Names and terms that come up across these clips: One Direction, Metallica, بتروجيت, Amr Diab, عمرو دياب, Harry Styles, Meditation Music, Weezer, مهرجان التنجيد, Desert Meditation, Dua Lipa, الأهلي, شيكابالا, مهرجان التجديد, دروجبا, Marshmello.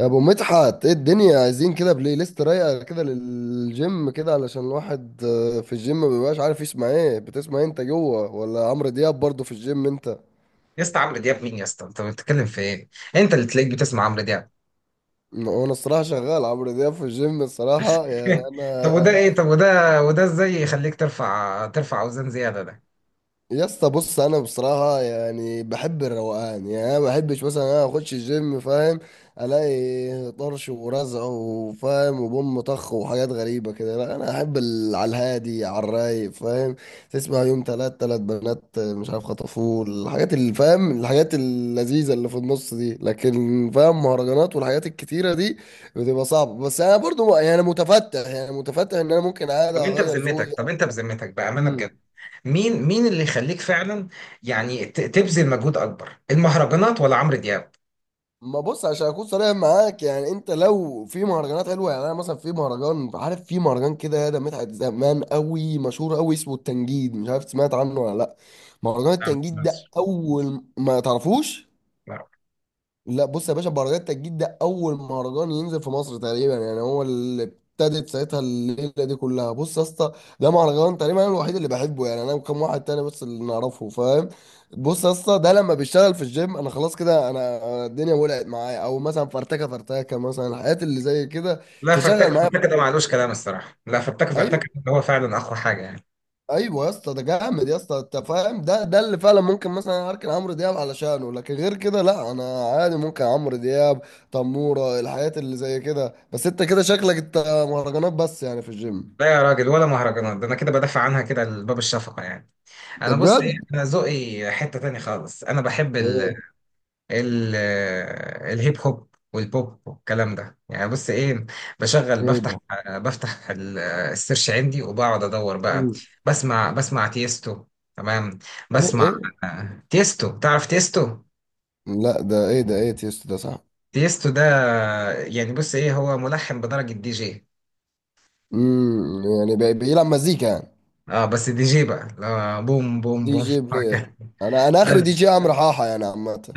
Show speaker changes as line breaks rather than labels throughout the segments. يا ابو مدحت، ايه الدنيا؟ عايزين كده بلاي ليست رايقه كده للجيم كده علشان الواحد في الجيم ما بيبقاش عارف يسمع ايه. بتسمع إيه انت جوه؟ ولا عمرو دياب برضه في الجيم انت؟
يا اسطى عمرو دياب مين يا اسطى، انت بتتكلم في ايه؟ انت اللي تلاقيك بتسمع عمرو دياب.
وانا الصراحه شغال عمرو دياب في الجيم الصراحه يعني
طب وده
انا.
ايه؟ طب وده وده ازاي يخليك ترفع اوزان زياده ده؟
يا اسطى بص، انا بصراحه يعني بحب الروقان، يعني انا ما بحبش مثلا انا اخش الجيم فاهم، الاقي طرش ورزع وفاهم وبوم طخ وحاجات غريبه كده. لا، انا احب على الهادي على الرايق فاهم، تسمع يوم تلات تلات بنات مش عارف خطفوه، الحاجات اللي فاهم الحاجات اللذيذه اللي في النص دي. لكن فاهم مهرجانات والحاجات الكتيره دي بتبقى صعبه، بس انا برضو يعني متفتح، يعني متفتح ان انا ممكن عادي اغير ذوقي.
طب انت بذمتك بامانه بجد، مين اللي يخليك فعلا يعني تبذل مجهود اكبر، المهرجانات ولا عمرو دياب؟
ما بص، عشان اكون صريح معاك يعني، انت لو في مهرجانات حلوه يعني، انا مثلا في مهرجان عارف، في مهرجان كده ده مدحت زمان قوي مشهور قوي اسمه التنجيد، مش عارف سمعت عنه ولا لا. مهرجان
لا ما
التنجيد ده
تسمعش.
اول ما تعرفوش؟
لا.
لا بص يا باشا، مهرجان التجديد ده اول مهرجان ينزل في مصر تقريبا يعني، هو اللي ابتدت ساعتها الليله دي كلها. بص يا اسطى، ده مهرجان تقريبا انا الوحيد اللي بحبه يعني، انا وكم واحد تاني بس اللي نعرفه فاهم. بص يا اسطى، ده لما بيشتغل في الجيم انا خلاص كده، أنا الدنيا ولعت معايا، او مثلا فرتكه فرتكه مثلا، الحاجات اللي زي كده
لا، فرتكه
تشغل معايا.
فرتكه ده معلوش كلام، الصراحه لا، فرتكه فرتكه
ايوه.
ده هو فعلا اقوى حاجه يعني.
ايوه يا اسطى، ده جامد يا اسطى، انت فاهم، ده اللي فعلا ممكن مثلا اركن عمرو دياب علشانه، لكن غير كده لا، انا عادي ممكن عمرو دياب تموره الحاجات اللي زي كده. بس انت كده شكلك انت مهرجانات بس يعني في الجيم.
لا يا راجل، ولا مهرجانات، ده انا كده بدافع عنها كده لباب الشفقه يعني.
ده
انا بص ايه،
بجد؟
انا ذوقي حته تاني خالص، انا بحب ال
ايه؟
ال- الهيب هوب والبوب والكلام ده. يعني بص ايه، بشغل
ايه
بفتح
ده؟
بفتح السيرش عندي وبقعد ادور بقى.
مم.
بسمع تيستو. تمام.
ايه
بسمع
ايه.
تيستو، تعرف تيستو؟
لا ده ايه؟ ده ايه تيست؟ ده صح؟
تيستو ده يعني بص ايه، هو ملحن بدرجة دي جي.
امم، يعني بيلعب مزيكا يعني؟
اه بس دي جي بقى، لا، بوم بوم
دي
بوم.
جي بلاير. انا انا اخر دي جي عمرو حاحه يعني عامه،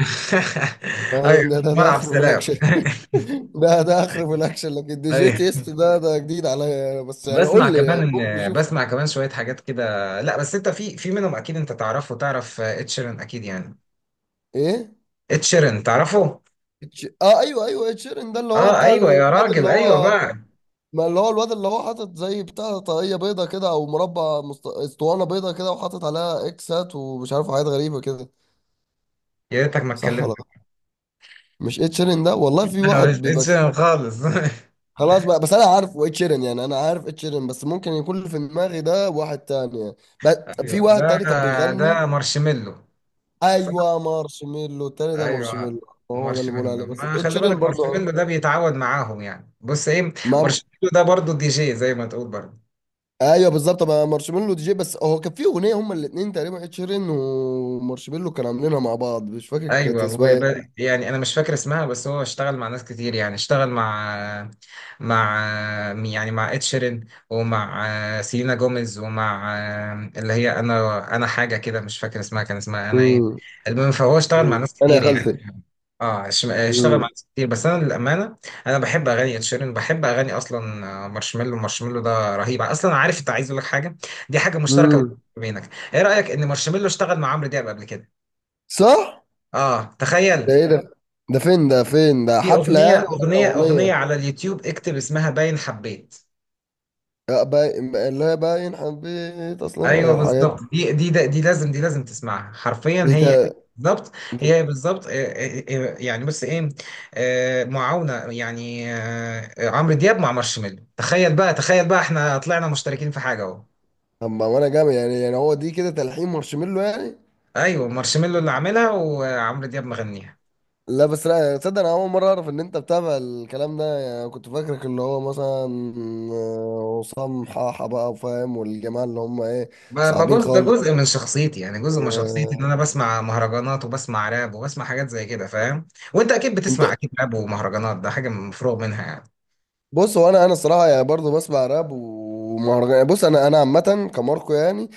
ايوه
فاهم، ده
ملعب
اخر بلاك.
سلام.
ده اخر في الاكشن، لكن دي جي
ايوه،
تيست ده ده جديد عليا أنا، بس يعني
بسمع
قول لي يعني
كمان
ممكن نشوف.
بسمع كمان شويه حاجات كده. لا بس انت في منهم اكيد انت تعرفه، تعرف اتشيرن اكيد يعني.
ايه؟
اتشيرن تعرفه؟
ايوه ايوه اتشيرن، ده اللي هو
اه
بتاع
ايوه يا
الواد اللي
راجل، ايوه
هو،
بقى.
ما اللي هو الواد اللي هو حاطط زي بتاع طاقية بيضة كده، او مربع اسطوانة بيضة كده وحاطط عليها اكسات ومش عارف حاجات غريبة كده.
يا ريتك ما
صح
اتكلمت.
ولا لا؟ مش اتشيرن ده؟ والله في
لا
واحد
مش
بيبقى كده.
اتشيرن خالص.
خلاص بقى، بس انا عارفه اتشيرن يعني، انا عارف اتشيرن، بس ممكن يكون اللي في دماغي ده واحد تاني يعني. في
ايوه
واحد
ده.
تاني كان بيغني.
ده مارشميلو. صح.
ايوه مارشميلو، التاني ده
ايوه.
مارشميلو. هو ده اللي بقول
مارشميلو
عليه، بس
ما خلي
اتشيرين
بالك،
برضه آه.
مارشميلو ده بيتعود معاهم يعني، بص ايه،
ما
مارشميلو ده برضو دي جي، زي ما تقول برضو.
ايوه بالظبط، ما مارشميلو دي جي، بس هو كان في اغنيه هما الاثنين تقريبا، اتشيرين ومارشميلو كانوا عاملينها مع بعض، مش فاكر كانت
ايوه هو
اسمها ايه.
يعني انا مش فاكر اسمها، بس هو اشتغل مع ناس كتير، يعني اشتغل مع، مع، يعني مع اد شيرين، ومع سيلينا جوميز، ومع اللي هي انا حاجه كده مش فاكر اسمها، كان اسمها انا ايه.
مم.
المهم فهو اشتغل مع
مم.
ناس
انا يا
كتير يعني.
خالتي.
اه اشتغل مع
مم.
ناس كتير، بس انا للامانه انا بحب اغاني اد شيرين، بحب اغاني اصلا، مارشميلو، مارشميلو ده رهيب اصلا. عارف، انت عايز اقول لك حاجه، دي حاجه مشتركه
مم.
بينك، ايه رايك ان مارشميلو اشتغل مع عمرو دياب قبل كده؟
صح.
اه تخيل.
ده ايه ده؟ ده فين؟ ده فين؟ ده
في
حفله
اغنيه،
يعني
اغنيه
ولا
اغنيه
اغنيه؟
على اليوتيوب، اكتب اسمها باين حبيت.
لا باين، اللي هي باين حبيت اصلا
ايوه
الحاجات.
بالظبط، دي لازم، دي لازم تسمعها حرفيا
دي
هي.
تا-
بالظبط.
دي-
هي بالظبط يعني بص ايه، معاونه يعني، عمرو دياب مع مارشميلو. تخيل بقى، تخيل بقى احنا طلعنا مشتركين في حاجه اهو.
طب ما انا جامد يعني، يعني هو دي كده تلحين مارشميلو يعني؟
ايوه مارشميلو اللي عاملها وعمرو دياب مغنيها.
لا بس لا تصدق، انا اول مره اعرف ان انت بتابع الكلام ده يعني، كنت فاكرك اللي هو مثلا عصام حاحه بقى وفاهم والجماعه اللي هم ايه،
ما
صعبين
جزء ده
خالص.
جزء من شخصيتي، يعني جزء من شخصيتي ان انا
وانت؟
بسمع مهرجانات، وبسمع راب، وبسمع حاجات زي كده فاهم. وانت اكيد بتسمع اكيد راب ومهرجانات، ده حاجه مفروغ منها يعني.
بص هو انا انا الصراحه يعني برضه بسمع راب ومهرجان يعني. بص انا انا عامه كماركو يعني،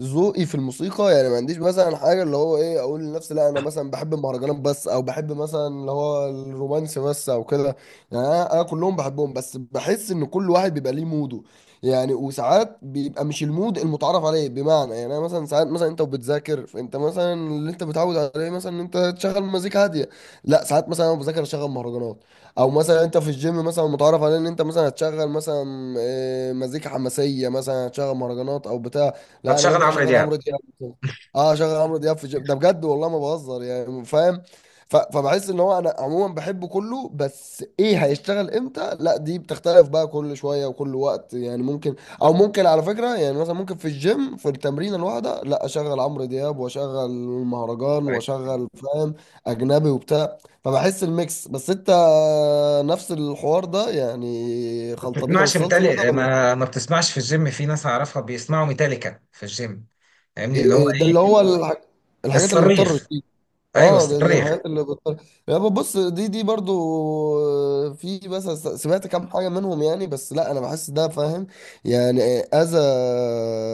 ذوقي في الموسيقى يعني ما عنديش مثلا حاجه اللي هو ايه اقول لنفسي لا انا مثلا بحب المهرجانات بس، او بحب مثلا اللي هو الرومانسي بس او كده. يعني أنا كلهم بحبهم، بس بحس ان كل واحد بيبقى ليه موده يعني. وساعات بيبقى مش المود المتعارف عليه، بمعنى يعني انا مثلا ساعات مثلا انت وبتذاكر، فانت مثلا اللي انت متعود عليه مثلا ان انت تشغل مزيكا هاديه. لا، ساعات مثلا انا بذاكر اشغل مهرجانات، او مثلا انت في الجيم مثلا متعرف على ان انت مثلا هتشغل مثلا مزيكا حماسيه، مثلا هتشغل مهرجانات او بتاع. لا انا
بتشغل
ممكن
عمرو
اشغل
دياب.
عمرو دياب مثلاً. اه اشغل عمرو دياب في الجيم، ده بجد والله ما بهزر يعني فاهم. فبحس ان هو انا عموما بحبه كله، بس ايه هيشتغل امتى لا دي بتختلف بقى كل شويه وكل وقت يعني ممكن. او ممكن على فكره يعني، مثلا ممكن في الجيم في التمرين الواحده لا اشغل عمرو دياب واشغل المهرجان واشغل فاهم اجنبي وبتاع، فبحس الميكس. بس انت نفس الحوار ده يعني؟
ما
خلطبيطه
بتسمعش
بالصلصه كده
ميتالي،
ولا؟
ما بتسمعش في الجيم؟ في ناس اعرفها بيسمعوا ميتاليكا في الجيم. فاهمني،
إيه
اللي هو
إيه، ده اللي
ايه؟
هو ايوه الحاجات اللي بتطرش
الصريخ؟
دي.
ايوه
اه ده
الصريخ.
الحاجات اللي بتطرش. يابا بص، دي برضو في، بس سمعت كام حاجه منهم يعني. بس لا انا بحس ده فاهم يعني اذى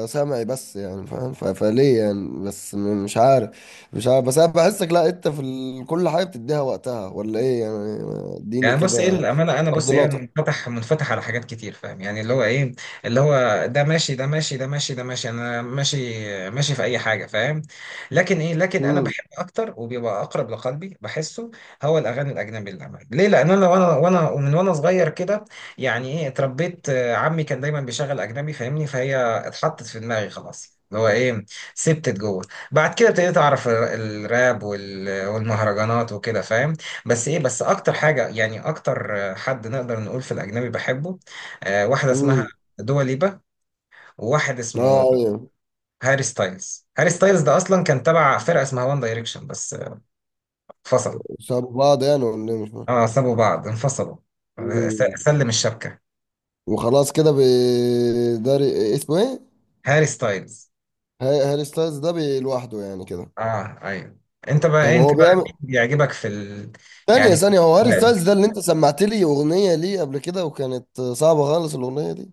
سمعي بس يعني فاهم، فليه يعني؟ بس مش عارف، مش عارف. بس انا بحسك لا، انت في ال... كل حاجه بتديها وقتها، ولا ايه يعني؟ اديني
يعني بص ايه
كده
الامانه، انا بص ايه، أنا
تفضيلاتك.
منفتح، منفتح على حاجات كتير فاهم، يعني اللي هو ايه، اللي هو ده ماشي، ده ماشي، ده ماشي، ده ماشي، انا ماشي، ماشي في اي حاجه فاهم. لكن انا بحب اكتر، وبيبقى اقرب لقلبي بحسه، هو الاغاني الاجنبي، للامانه ليه؟ لان انا وانا وانا ومن وانا صغير كده، يعني ايه اتربيت، عمي كان دايما بيشغل اجنبي فاهمني، فهي اتحطت في دماغي خلاص، اللي هو ايه، سبتت جوه. بعد كده ابتديت اعرف الراب والمهرجانات وكده فاهم. بس اكتر حاجه يعني اكتر، حد نقدر نقول في الاجنبي بحبه، واحده اسمها
امم.
دوا ليبا، وواحد
اه
اسمه
ايوه.
هاري ستايلز. هاري ستايلز ده اصلا كان تبع فرقه اسمها وان دايركشن، بس انفصل.
سابوا بعض يعني ولا إيه؟ مش فاهم.
اه سابوا بعض انفصلوا،
مم.
سلم الشبكه.
وخلاص كده بي، ده اسمه ايه؟
هاري ستايلز.
هاري ستايلز ده لوحده يعني كده؟
اه ايوه. انت بقى
طب
ايه، انت
هو
بقى
بيعمل،
مين بيعجبك في ال...؟
ثانية
يعني
ثانية، هو هاري
لا،
ستايلز ده اللي انت سمعت لي اغنية ليه قبل كده وكانت صعبة خالص الاغنية دي؟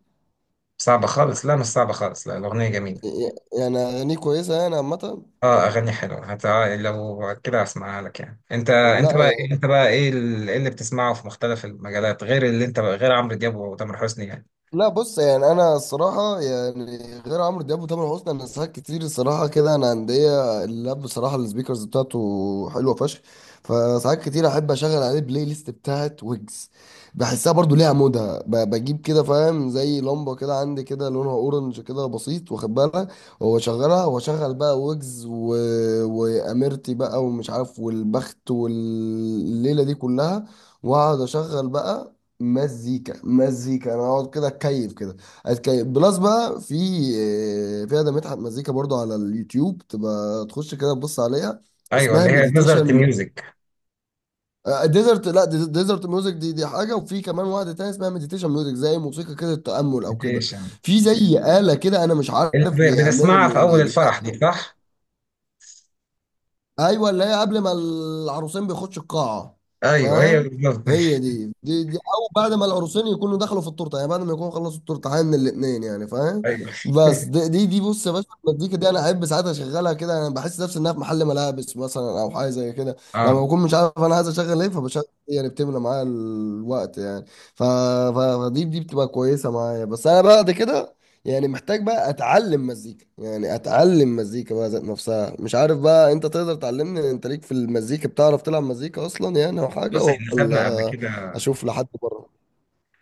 صعبه خالص، لا مش صعبه خالص، لا الاغنيه جميله.
ي- يعني اغانيه كويسة يعني عامة؟
اه اغاني حلوه، لو كده هسمعها لك يعني.
لا
انت بقى ايه، إيه اللي بتسمعه في مختلف المجالات غير اللي انت بقى، غير عمرو دياب وتامر حسني يعني؟
لا، بص يعني انا الصراحه يعني غير عمرو دياب وتامر حسني، انا ساعات كتير الصراحه كده انا عندي اللاب بصراحه السبيكرز بتاعته حلوه فشخ، فساعات كتير احب اشغل عليه البلاي ليست بتاعت ويجز. بحسها برضو ليها مودها، بجيب كده فاهم زي لمبه كده عندي كده لونها اورنج كده بسيط واخد بالها، واشغلها واشغل بقى ويجز و... واميرتي بقى ومش عارف والبخت والليله دي كلها، واقعد اشغل بقى مزيكا مزيكا. انا اقعد كده اتكيف كده، اتكيف بلس بقى في في ده مدحت مزيكا برضو على اليوتيوب تبقى تخش كده تبص عليها،
ايوه
اسمها
اللي هي نظرة
مديتيشن
الميوزك.
ديزرت. لا ديزرت ميوزك دي دي حاجه، وفي كمان واحده تانية اسمها مديتيشن ميوزك زي موسيقى كده التامل او كده.
ايش يعني
في زي آلة كده انا مش
اللي
عارف بيعمل
بنسمعها في اول الفرح دي،
بيلعب.
صح؟
ايوه، اللي هي قبل ما العروسين بيخشوا القاعه،
ايوه هي
فاهم.
بالظبط.
هي دي. دي دي، او بعد ما العروسين يكونوا دخلوا في التورته يعني، بعد ما يكونوا خلصوا التورته من الاثنين يعني فاهم.
ايوه.
بس دي بص يا باشا، المزيكا دي انا احب ساعات اشغلها كده، انا بحس نفسي انها في محل ملابس مثلا او حاجه زي كده، لما
اه.
بكون مش عارف انا عايز اشغل ايه فبشغل. إيه يعني بتملى معايا الوقت يعني. ف... ف... فدي بتبقى كويسه معايا. بس انا بعد كده يعني محتاج بقى اتعلم مزيكا يعني، اتعلم مزيكا بقى ذات نفسها. مش عارف بقى انت تقدر تعلمني؟ انت ليك في المزيكا؟ بتعرف تلعب مزيكا اصلا يعني او حاجه؟
بص احنا خدنا قبل
ولا
كده،
اشوف لحد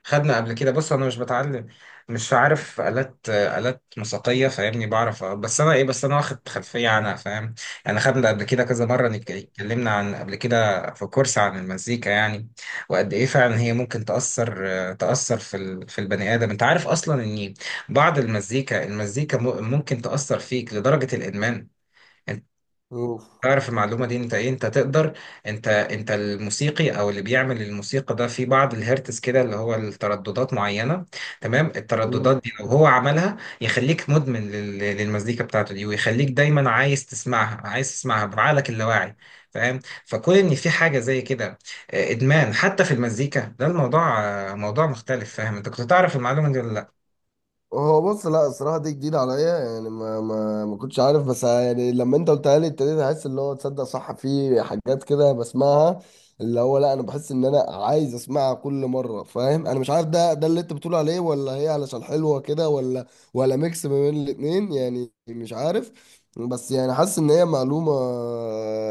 خدنا قبل كده. بص انا مش بتعلم، مش عارف آلات، آلات موسيقية فاهمني، بعرف بس انا ايه، بس انا واخد خلفية عنها فاهم. يعني خدنا قبل كده كذا مرة، اتكلمنا عن، قبل كده في كورس عن المزيكا يعني. وقد ايه فعلا هي ممكن تأثر، تأثر في في البني آدم. انت عارف اصلا ان بعض المزيكا، ممكن تأثر فيك لدرجة الإدمان؟ تعرف المعلومة دي؟ انت ايه، انت تقدر، انت الموسيقي او اللي بيعمل الموسيقى ده، في بعض الهرتز كده اللي هو الترددات معينة. تمام،
بره؟
الترددات دي لو هو عملها يخليك مدمن للمزيكا بتاعته دي، ويخليك دايما عايز تسمعها، عايز تسمعها بعقلك اللاواعي فاهم. فكون ان في حاجة زي كده، ادمان حتى في المزيكا، ده الموضوع، موضوع مختلف فاهم. انت كنت تعرف المعلومة دي ولا لا؟
هو بص لا، الصراحة دي جديدة عليا يعني، ما ما ما كنتش عارف، بس يعني لما انت قلتها لي ابتديت احس اللي هو تصدق صح، في حاجات كده بسمعها اللي هو لا انا بحس ان انا عايز اسمعها كل مرة فاهم، انا مش عارف ده ده اللي انت بتقول عليه ولا هي علشان حلوة كده، ولا ولا ميكس ما بين الاتنين يعني مش عارف. بس يعني حاسس ان هي معلومة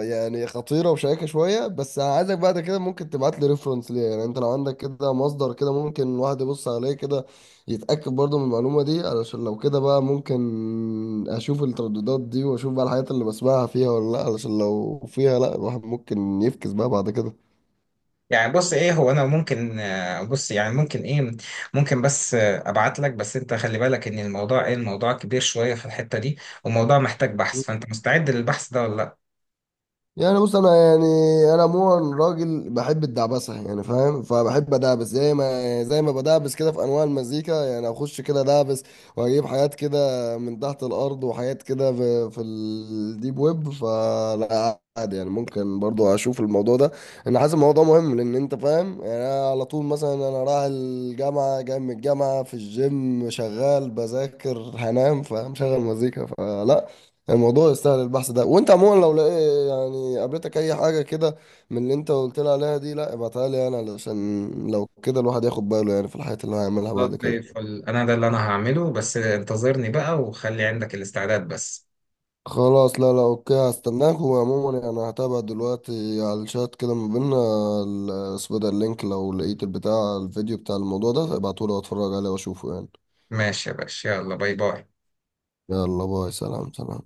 يعني خطيرة وشيقة شوية، بس عايزك بعد كده ممكن تبعت لي ريفرنس ليها يعني، انت لو عندك كده مصدر كده ممكن الواحد يبص عليه كده يتأكد برضه من المعلومة دي، علشان لو كده بقى ممكن أشوف الترددات دي وأشوف بقى الحاجات اللي بسمعها فيها ولا لأ، علشان لو فيها لأ الواحد ممكن يفكس بقى بعد كده.
يعني بص ايه، هو انا ممكن بص يعني ممكن ايه، ممكن بس ابعت لك. بس انت خلي بالك ان الموضوع كبير شويه في الحته دي، وموضوع محتاج بحث، فانت مستعد للبحث ده ولا لا؟
يعني بص انا يعني انا عموما راجل بحب الدعبسه يعني فاهم، فبحب ادعبس زي ما زي ما بدعبس كده في انواع المزيكا يعني اخش كده دعبس واجيب حاجات كده من تحت الارض وحاجات كده في الديب ويب، فلا عادي يعني ممكن برضو اشوف الموضوع ده. انا حاسس الموضوع مهم لان انت فاهم يعني أنا على طول، مثلا انا رايح الجامعه جاي من الجامعه في الجيم شغال بذاكر هنام فمشغل مزيكا، فلا الموضوع يستاهل البحث ده. وانت عموما لو لقيت يعني قابلتك اي حاجه كده من اللي انت قلت لي عليها دي لا ابعتها لي انا، علشان لو كده الواحد ياخد باله يعني في الحاجات اللي هو هيعملها
خلاص
بعد
زي
كده.
الفل، انا ده اللي انا هعمله، بس انتظرني بقى وخلي عندك الاستعداد بس.
خلاص لا لا اوكي، هستناك. وعموما يعني هتابع دلوقتي على الشات كده ما بينا اسمه ده اللينك، لو لقيت البتاع الفيديو بتاع الموضوع ده ابعتهولي واتفرج عليه واشوفه يعني.
ماشي يا باشا، يلا باي باي.
يلا باي، سلام سلام.